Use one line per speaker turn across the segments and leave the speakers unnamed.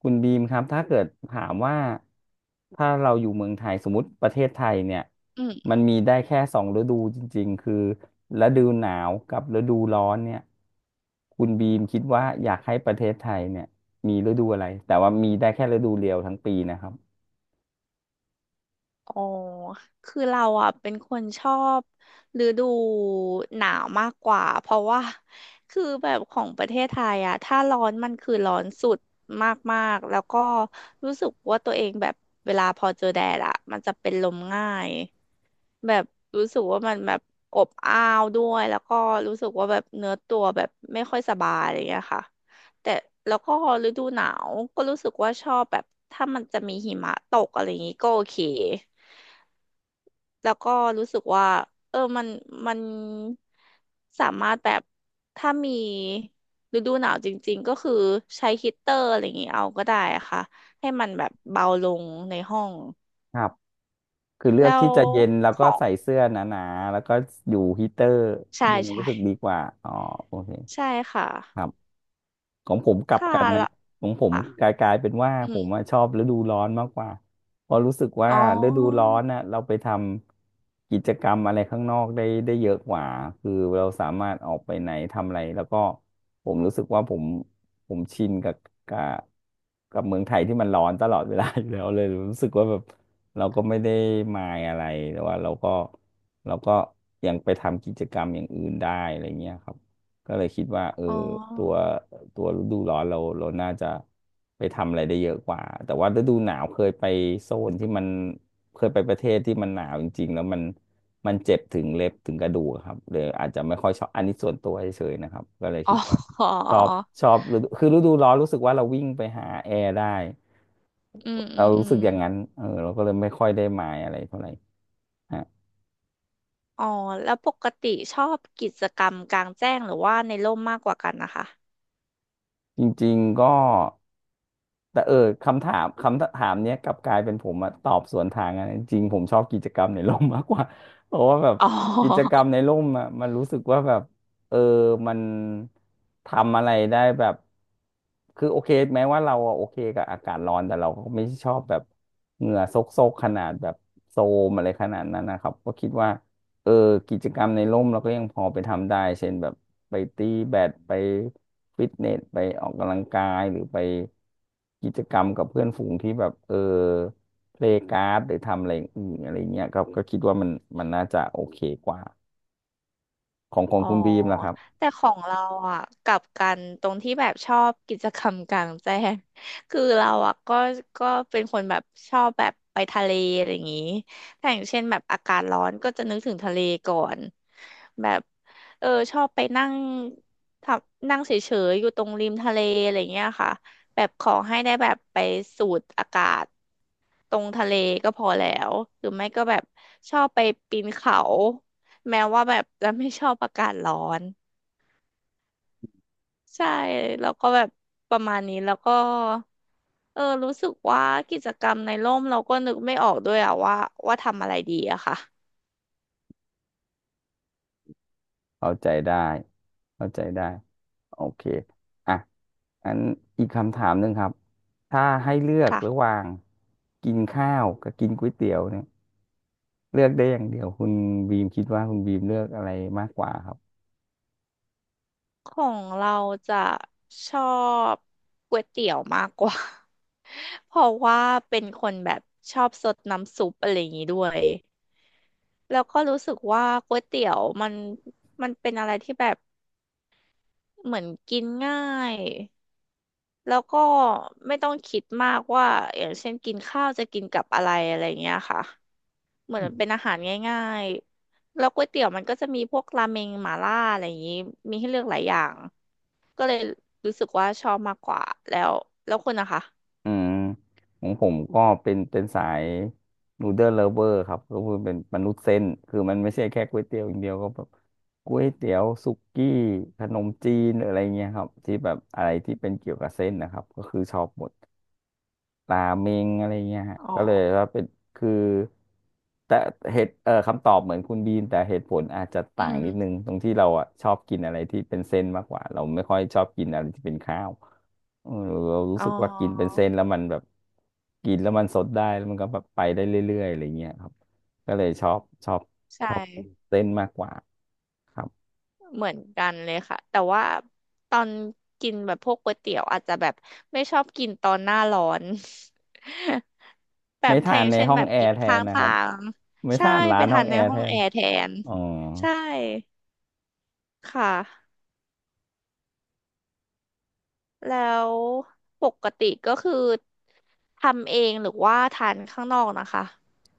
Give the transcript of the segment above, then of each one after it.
คุณบีมครับถ้าเกิดถามว่าถ้าเราอยู่เมืองไทยสมมติประเทศไทยเนี่ย
อืม
มันมีได้แค่สองฤดูจริงๆคือฤดูหนาวกับฤดูร้อนเนี่ยคุณบีมคิดว่าอยากให้ประเทศไทยเนี่ยมีฤดูอะไรแต่ว่ามีได้แค่ฤดูเดียวทั้งปีนะครับ
อ๋อ คือเราอ่ะเป็นคนชอบฤดูหนาวมากกว่า เพราะว่าคือแบบของประเทศไทยอ่ะถ้าร้อนมันคือร้อนสุดมากๆแล้วก็รู้สึกว่าตัวเองแบบเวลาพอเจอแดดอ่ะมันจะเป็นลมง่าย แบบรู้สึกว่ามันแบบอบอ้าวด้วยแล้วก็รู้สึกว่าแบบเนื้อตัวแบบไม่ค่อยสบายอะไรอย่างเงี้ยค่ะแต่แล้วก็ฤดูหนาวก็รู้สึกว่าชอบแบบถ้ามันจะมีหิมะตกอะไรอย่างงี้ก็โอเคแล้วก็รู้สึกว่าเออมันมันสามารถแบบถ้ามีฤดูหนาวจริงๆก็คือใช้ฮีตเตอร์อะไรอย่างงี้เอาก็ได้ค่ะให้มันแบบเบาลงในห้อง
ครับคือเลือ
แล้
กที่
ว
จะเย็นแล้ว
ข
ก็
อง
ใส่เสื้อหนาๆแล้วก็อยู่ฮีเตอร์
ใช่
เยัง
ใช่
รู้สึกดีกว่าอ๋อโอเค
ใช่ค่ะ
ครับ ของผมกลับ
ค่ะ
กันนะ
ละ
ของผม
ค่ะ
กลายเป็นว่า
อื
ผ
ม
มอะชอบฤดูร้อนมากกว่าเพราะรู้สึกว่า
อ๋
ฤดู
อ
ร้อนน่ะเราไปทำกิจกรรมอะไรข้างนอกได้เยอะกว่าคือเราสามารถออกไปไหนทำอะไรแล้วก็ผมรู้สึกว่าผมชินกับกับเมืองไทยที่มันร้อนตลอดเวลาอยู่แล้วเลยรู้สึกว่าแบบเราก็ไม่ได้มายอะไรแต่ว่าเราก็ยังไปทำกิจกรรมอย่างอื่นได้อะไรเงี้ยครับ ก็เลยคิดว่าเออ
อ๋
ตัว
อ
ตัวฤดูร้อนเราน่าจะไปทำอะไรได้เยอะกว่าแต่ว่าฤดูหนาวเคยไปโซนที่มันเคยไปประเทศที่มันหนาวจริงๆแล้วมันเจ็บถึงเล็บถึงกระดูกครับเลยอาจจะไม่ค่อยชอบอันนี้ส่วนตัวเฉยๆนะครับก็เลย
อ๋
คิ
อ
ดว่า
อ๋อ
ชอบชอบฤดูคือฤดูร้อนรู้สึกว่าเราวิ่งไปหาแอร์ได้
อืมอื
เรา
มอื
รู้สึ
ม
กอย่างนั้นเออเราก็เลยไม่ค่อยได้หมายอะไรเท่าไหร่ฮะ
อ๋อแล้วปกติชอบกิจกรรมกลางแจ้งหรือว่าในร่มมากกว่ากันนะคะ
จริงๆก็ แต่เออคำถามเนี้ยกลับกลายเป็นผมอะตอบสวนทางอะจริงๆผมชอบกิจกรรมในร่มมากกว่า เพราะว่าแบบ
อ๋
กิจ
อ
กรรมในร่มอะมันรู้สึกว่าแบบเออมันทำอะไรได้แบบคือโอเคแม้ว่าเราอะโอเคกับอากาศร้อนแต่เราก็ไม่ชอบแบบเหงื่อซกๆขนาดแบบโซมอะไรขนาดนั้นนะครับก็คิดว่า เออกิจกรรมในร่มเราก็ยังพอไปทำได้ เช่นแบบไปตีแบดไปฟิตเนสไปออกกำลังกายหรือไปกิจกรรมกับเพื่อนฝูงที่แบบเออเพลย์การ์ดหรือทำอะไรอย่างอื่นอะไรเงี้ยก็คิดว่ามันน่าจะโอเคกว่าของ
อ๋อ
คุณบีมล่ะครับ
แต่ของเราอ่ะกลับกันตรงที่แบบชอบกิจกรรมกลางแจ้ง คือเราอ่ะก็ก็เป็นคนแบบชอบแบบไปทะเลอะไรอย่างงี้ถ้าอย่างเช่นแบบอากาศร้อนก็จะนึกถึงทะเลก่อนแบบชอบไปนั่งทำนั่งเฉยๆอยู่ตรงริมทะเลอะไรอย่างเงี้ยค่ะแบบขอให้ได้แบบไปสูดอากาศ ตรงทะเลก็พอแล้วหรือไม่ก็แบบชอบไปปีนเขา แม้ว่าแบบจะไม่ชอบอากาศร้อน ใช่ แล้วก็แบบประมาณนี้ แล้วก็รู้สึกว่ากิจกรรมในร่มเราก็นึกไม่ออกด้วยอะว่าว่าทำอะไรดีอะค่ะ
เข้าใจได้เข้าใจได้โอเคอ่ะอันอีกคำถามหนึ่งครับถ้าให้เลือกระ
ค่ะ
หว่างกินข้าวกับกินก๋วยเตี๋ยวเนี่ย เลือกได้อย่างเดียวคุณบีมคิดว่าคุณบีมเลือกอะไรมากกว่าครับ
ของเราจะชอบก๋วยเตี๋ยวมากกว่า เพราะว่าเป็นคนแบบชอบซดน้ำซุปอะไรอย่างนี้ด้วย แล้วก็รู้สึกว่าก๋วยเตี๋ยวมันเป็นอะไรที่แบบเหมือนกินง่ายแล้วก็ไม่ต้องคิดมากว่าอย่างเช่นกินข้าวจะกินกับอะไรอะไรเงี้ยค่ะเหมือนเป็นอาหารง่ายๆแล้วก๋วยเตี๋ยวมันก็จะมีพวกราเมงหม่าล่าอะไรอย่างนี้มีให้เลือกหลายอย่างก็เลยรู้สึกว่าชอบมากกว่าแล้วแล้วคุณนะคะ
อืมของผมก็เป็นสายนูเดิลเลเวอร์ครับก็คือเป็นมนุษย์เส้นคือมันไม่ใช่แค่ก๋วยเตี๋ยวอย่างเดียวก็แบบก๋วยเตี๋ยวสุกี้ขนมจีนหรืออะไรเงี้ยครับที่แบบอะไรที่เป็นเกี่ยวกับเส้นนะครับก็คือชอบหมด ตาเมงอะไรเงี้ยฮะ
อ๋อ
ก็เลยว่าเป็นคือแต่เหตุคำตอบเหมือนคุณบีมแต่เหตุผลอาจจะ
อื
ต่างนิดนึ
ม
งตรงที่เราอ่ะชอบกินอะไรที่เป็นเส้นมากกว่าเราไม่ค่อยชอบกินอะไรที่เป็นข้าวเออเรารู้
อ๋อ
สึกว่ากินเป็นเส้นแล้วมันแบบกินแล้วมันสดได้แล้วมันก็แบบไปได้เรื่อยๆอะไรเงี้ยครับก็เลยชอบช
ใช่
อบกินเส้นมากกว่าครับ
เหมือนกันเลยค่ะแต่ว่าตอนกินแบบพวกก๋วยเตี๋ยวอาจจะแบบไม่ชอบกินตอนหน้าร้อน แบ
ไม่
บถ้า
ทา
อ
น
ย่าง
ใน
เช่น
ห้อ
แบ
ง
บ
แอ
กิ
ร์
น
แท
ข้า
น
ง
นะค
ทา
รับ
ง
ไม่
ใช่
ทานร้า
ไป
นห้อ
ทา
ง
น
แอ
ใน
ร์
ห้
แท
องแอ
น
ร์แทน
อ๋อ
ใช่ค่ะแล้วปกติก็คือทำเองหรือว่าทานข้างนอกนะคะ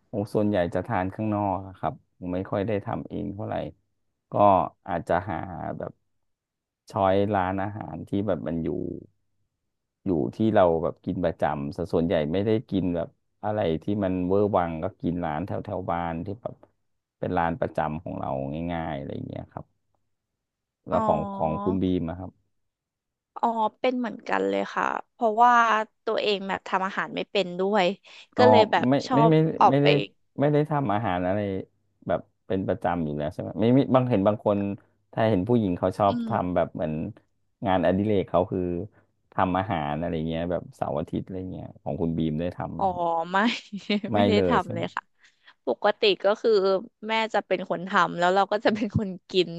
โอ้ส่วนใหญ่จะทานข้างนอกอะครับผมไม่ค่อยได้ทำเองเท่าไหร่ก็อาจจะหาแบบช้อยร้านอาหารที่แบบมันอยู่อยู่ที่เราแบบกินประจำสส่วนใหญ่ไม่ได้กินแบบอะไรที่มันเวอร์วังก็กินร้านแถวแถวบ้านที่แบบเป็นร้านประจำของเราง่ายๆอะไรอย่างเงี้ยครับแล้
อ๋อ
วของคุณบีมอะครับ
อ๋อเป็นเหมือนกันเลยค่ะเพราะว่าตัวเองแบบทำอาหารไม่เป็นด้วย
อ๋อ
ก็เลยแบบ
ไม่
ชอ
ไม่
บ
ไม่
ออก
ไม่
ไป
ได้ไม่ได้ทำอาหารอะไรแบบเป็นประจำอยู่แล้วใช่ไหมไม่มีบางเห็นบางคนถ้าเห็นผู้หญิงเขาชอ
อื
บ
ม
ทำแบบเหมือนงานอดิเรกเขาคือทำอาหารอะไรเงี้ยแบบเสาร์อาทิตย์อะไรเงี้ยของคุณบีมได้ทำไหม
อ๋อ
ครับ
ไม่
ไม่
ไม่ได้
เลยใช่
ทำเล
ไหม
ยค่ะปกติก็คือแม่จะเป็นคนทำแล้วเราก็จะเป็นคนกิน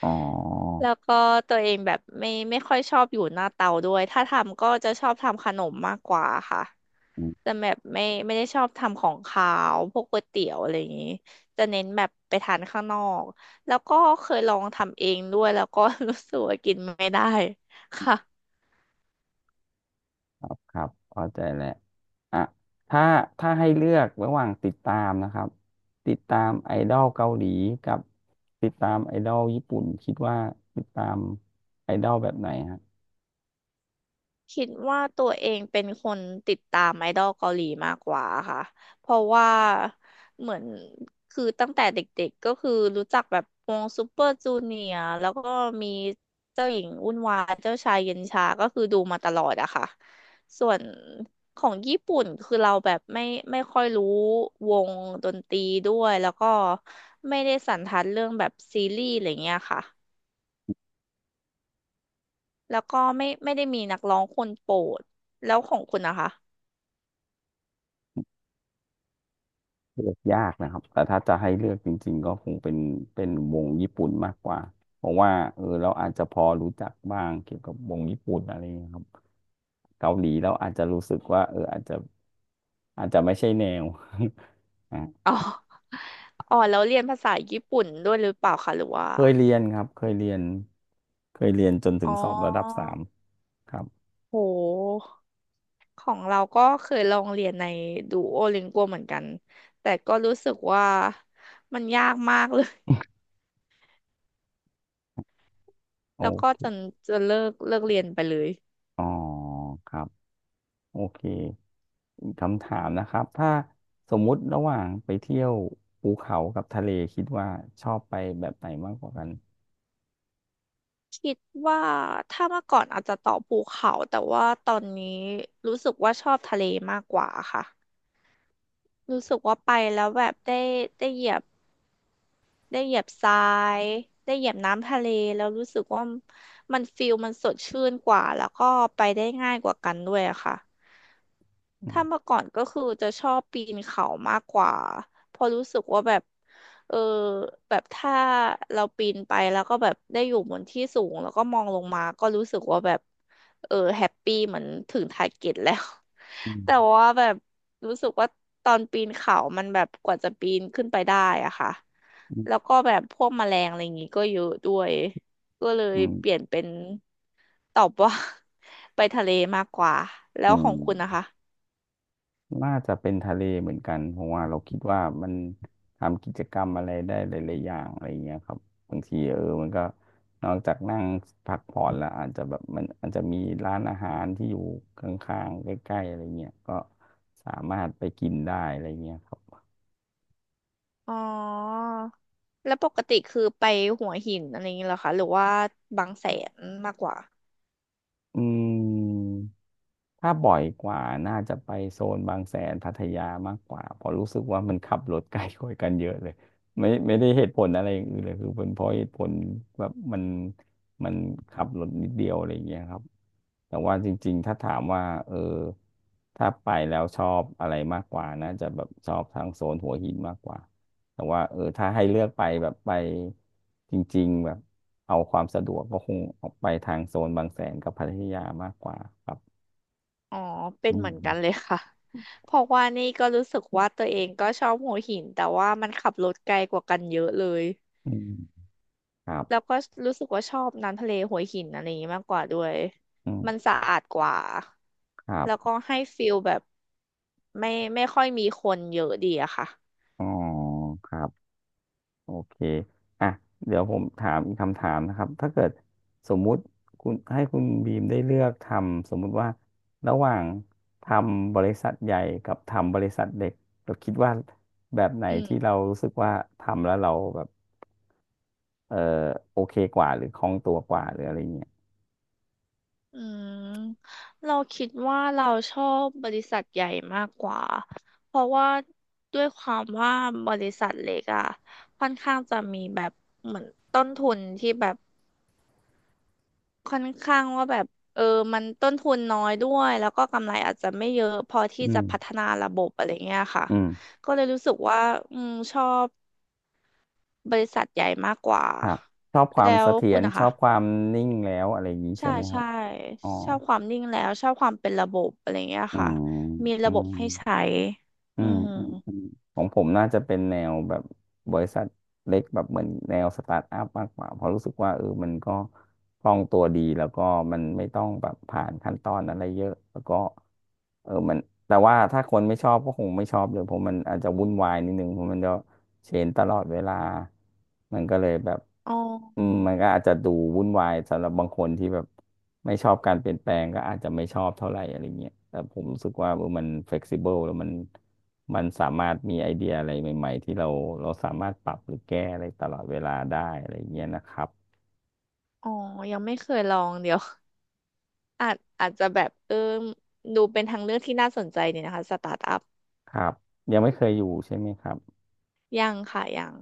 อ๋อ
แล้วก็ตัวเองแบบไม่ค่อยชอบอยู่หน้าเตาด้วยถ้าทำก็จะชอบทำขนมมากกว่าค่ะ
อืม
แต่แบบไม่ได้ชอบทำของคาวพวกก๋วยเตี๋ยวอะไรอย่างนี้จะเน้นแบบไปทานข้างนอกแล้วก็เคยลองทำเองด้วยแล้วก็ รู้สึกว่ากินไม่ได้ค่ะ
ครับครับเข้าใจแล้วอ่ะถ้าถ้าให้เลือกระหว่างติดตามนะครับติดตามไอดอลเกาหลีกับติดตามไอดอลญี่ปุ่นคิดว่าติดตามไอดอลแบบไหน
คิดว่าตัวเองเป็นคนติดตามไอดอลเกาหลีมากกว่าค่ะ เพราะว่าเหมือนคือตั้งแต่เด็กๆก็คือรู้จักแบบวงซูเปอร์จูเนียร์แล้วก็มีเจ้าหญิงวุ่นวายเจ้าชายเย็นชาก็คือดูมาตลอดอะค่ะ ส่วนของญี่ปุ่นคือเราแบบไม่ค่อยรู้วงดนตรีด้วยแล้วก็ไม่ได้สันทัดเรื่องแบบซีรีส์อะไรเงี้ยค่ะ แล้วก็ไม่ได้มีนักร้องคนโปรดแล้วของคุณนะคะ
เลือกยากนะครับแต่ถ้าจะให้เลือกจริงๆก็คงเป็นวงญี่ปุ่นมากกว่า เพราะว่าเออเราอาจจะพอรู้จักบ้างเกี่ยวกับวงญี่ปุ่นอะไรอย่างเงี้ยครับเกาหลีเราอาจจะรู้สึกว่าเอออาจจะไม่ใช่แนว อ่ะ
อ๋ออ๋อแล้วเรียนภาษาญี่ปุ่นด้วยหรือเปล่าคะหรือว่า
เคยเรียนครับเคยเรียนเคยเรียนจนถึ
อ๋อ
งสอบระดับสามครับ
โหของเราก็เคยลองเรียนในดูโอลิงกัวเหมือนกันแต่ก็รู้สึกว่ามันยากมากเลย
โอ
แล้วก็จน
เค
จะเลิกเรียนไปเลย
อ๋อครับโอเค อีกคำถามนะครับถ้าสมมุติระหว่างไปเที่ยวภูเขากับทะเลคิดว่าชอบไปแบบไหนมากกว่ากัน
คิดว่าถ้าเมื่อก่อนอาจจะต่อบภูเขาแต่ว่าตอนนี้รู้สึกว่าชอบทะเลมากกว่าค่ะ รู้สึกว่าไปแล้วแบบได้เหยียบ ได้เหยียบทรายได้เหยียบน้ำทะเลแล้วรู้สึกว่ามันฟิลมันสดชื่นกว่าแล้วก็ไปได้ง่ายกว่ากันด้วยอะค่ะ
อื
ถ้าเมื่อก่อนก็คือจะชอบปีนเขามากกว่าเพอราะรู้สึกว่าแบบเออแบบถ้าเราปีนไปแล้วก็แบบได้อยู่บนที่สูงแล้วก็มองลงมาก็รู้สึกว่าแบบแฮปปี้เหมือนถึงทาร์เก็ตแล้ว แต่
ม
ว่าแบบรู้สึกว่าตอนปีนเขามันแบบกว่าจะปีนขึ้นไปได้อะค่ะ
อื
แล้ว
ม
ก็แบบพวกแมลงอะไรอย่างงี้ก็เยอะด้วยก็เลย
อื
เปลี่ย
ม
นเป็นตอบว่า ไปทะเลมากกว่า แล้
อื
วข
ม
อ
อื
ง
ม
คุณนะคะ
น่าจะเป็นทะเลเหมือนกันเพราะว่าเราคิดว่ามันทำกิจกรรมอะไรได้หลายๆอย่างอะไรเงี้ยครับบางทีมันก็นอกจากนั่งพักผ่อนแล้วอาจจะแบบมันอาจจะมีร้านอาหารที่อยู่ข้างๆใกล้ๆอะไรเงี้ยก็สามารถไปกินได้อะไรเงี้ยครับ
อ๋อแล้วปกติคือไปหัวหินอะไรอย่างงี้เหรอคะหรือว่าบางแสนมากกว่า
อืม ถ้าบ่อยกว่าน่าจะไปโซนบางแสนพัทยามากกว่าเพราะรู้สึกว่ามันขับรถไกลกว่ากันเยอะเลยไม่ได้เหตุผลอะไรอย่างอื่นเลยคือเป็นเพราะเหตุผลแบบมันขับรถนิดเดียวอะไรอย่างเงี้ยครับแต่ว่าจริงๆ ถ้าถามว่าถ้าไปแล้วชอบอะไรมากกว่าน่าจะแบบชอบทางโซนหัวหินมากกว่า แต่ว่าถ้าให้เลือกไปแบบไปจริงๆแบบเอาความสะดวกก็คงออกไปทางโซนบางแสนกับพัทยามากกว่าครับ
อ๋อเป็น
อื
เห
ม
มือนกันเลยค่ะ เพราะว่านี่ก็รู้สึกว่าตัวเองก็ชอบหัวหินแต่ว่ามันขับรถไกลกว่ากันเยอะเลย
อืมครับ
แล้วก็รู้สึกว่าชอบน้ำทะเลหัวหินอะไรอย่างนี้มากกว่าด้วย
อื
มัน
ม
สะอาดกว่า
ครับ
แล้วก็ให้ฟีลแบบไม่ไม่ค่อยมีคนเยอะดีอะค่ะ
อ๋อครับโอเค อ่ะ เดี๋ยวผมถามอีกคำถามนะครับ ถ้าเกิดสมมุติคุณให้คุณบีมได้เลือกทำสมมุติว่าระหว่างทำบริษัทใหญ่กับทำบริษัทเล็กเราคิดว่าแบบไหน
อืม
ที่เรารู้สึกว่าทำแล้วเราแบบเออโอเคกว่าหรือคล่องตัวกว่าหรืออะไรเงี้ย
อืมเราคิดว่าเราชอบบริษัทใหญ่มากกว่าเพราะว่าด้วยความว่าบริษัทเล็กอะค่อนข้างจะมีแบบเหมือนต้นทุนที่แบบ ค่อนข้างว่าแบบเออมันต้นทุนน้อยด้วยแล้วก็กำไรอาจจะไม่เยอะพอที่
อื
จะ
ม
พัฒนาระบบอะไรเงี้ยค่ะ
อืม
ก็เลยรู้สึกว่าอืมชอบบริษัทใหญ่มากกว่า
ครับชอบควา
แล้
มเส
ว
ถีย
คุณ
ร
นะ
ชอ
คะ
บความนิ่งแล้วอะไรอย่างนี้ใช่
ใช่
ไหมครั
ใช่
บอ๋อ
ชอบความนิ่งแล้วชอบความเป็นระบบอะไรเงี้ย
อื
ค่ะ
ม
มี
อื
ระบบ
ม
ให้ใช้
อื
อื
ม
ม
อืม อืม ของผมน่าจะเป็นแนวแบบบริษัทเล็กแบบเหมือนแนวสตาร์ทอัพมากกว่าเพราะรู้สึกว่ามันก็คล่องตัวดีแล้วก็มันไม่ต้องแบบผ่านขั้นตอนอะไรเยอะแล้วก็เออมันแต่ว่าถ้าคนไม่ชอบก็คงไม่ชอบเลยเพราะมันอาจจะวุ่นวายนิดนึงเพราะมันจะเชนตลอดเวลา มันก็เลยแบบ
อ๋อ
มันก็อาจจะดูวุ่นวายสำหรับบางคนที่แบบไม่ชอบการเปลี่ยนแปลงก็อาจจะไม่ชอบเท่าไหร่อะไรเงี้ยแต่ผมรู้สึกว่ามันเฟ e ซิเบิลแล้วมันสามารถมีไอเดียอะไรใหม่ๆที่เราสามารถปรับหรือแก้อะไรตลอดเวลาได้อะไรเงี้ยนะครับ
อ๋อยังไม่เคยลองเดี๋ยว อาจจะแบบดูเป็นทางเลือกที่น่าสนใจดีนะคะสตาร์ทอัพ
ครับยังไม่เคยอยู่ใช่ไหมครับ
ยังค่ะยัง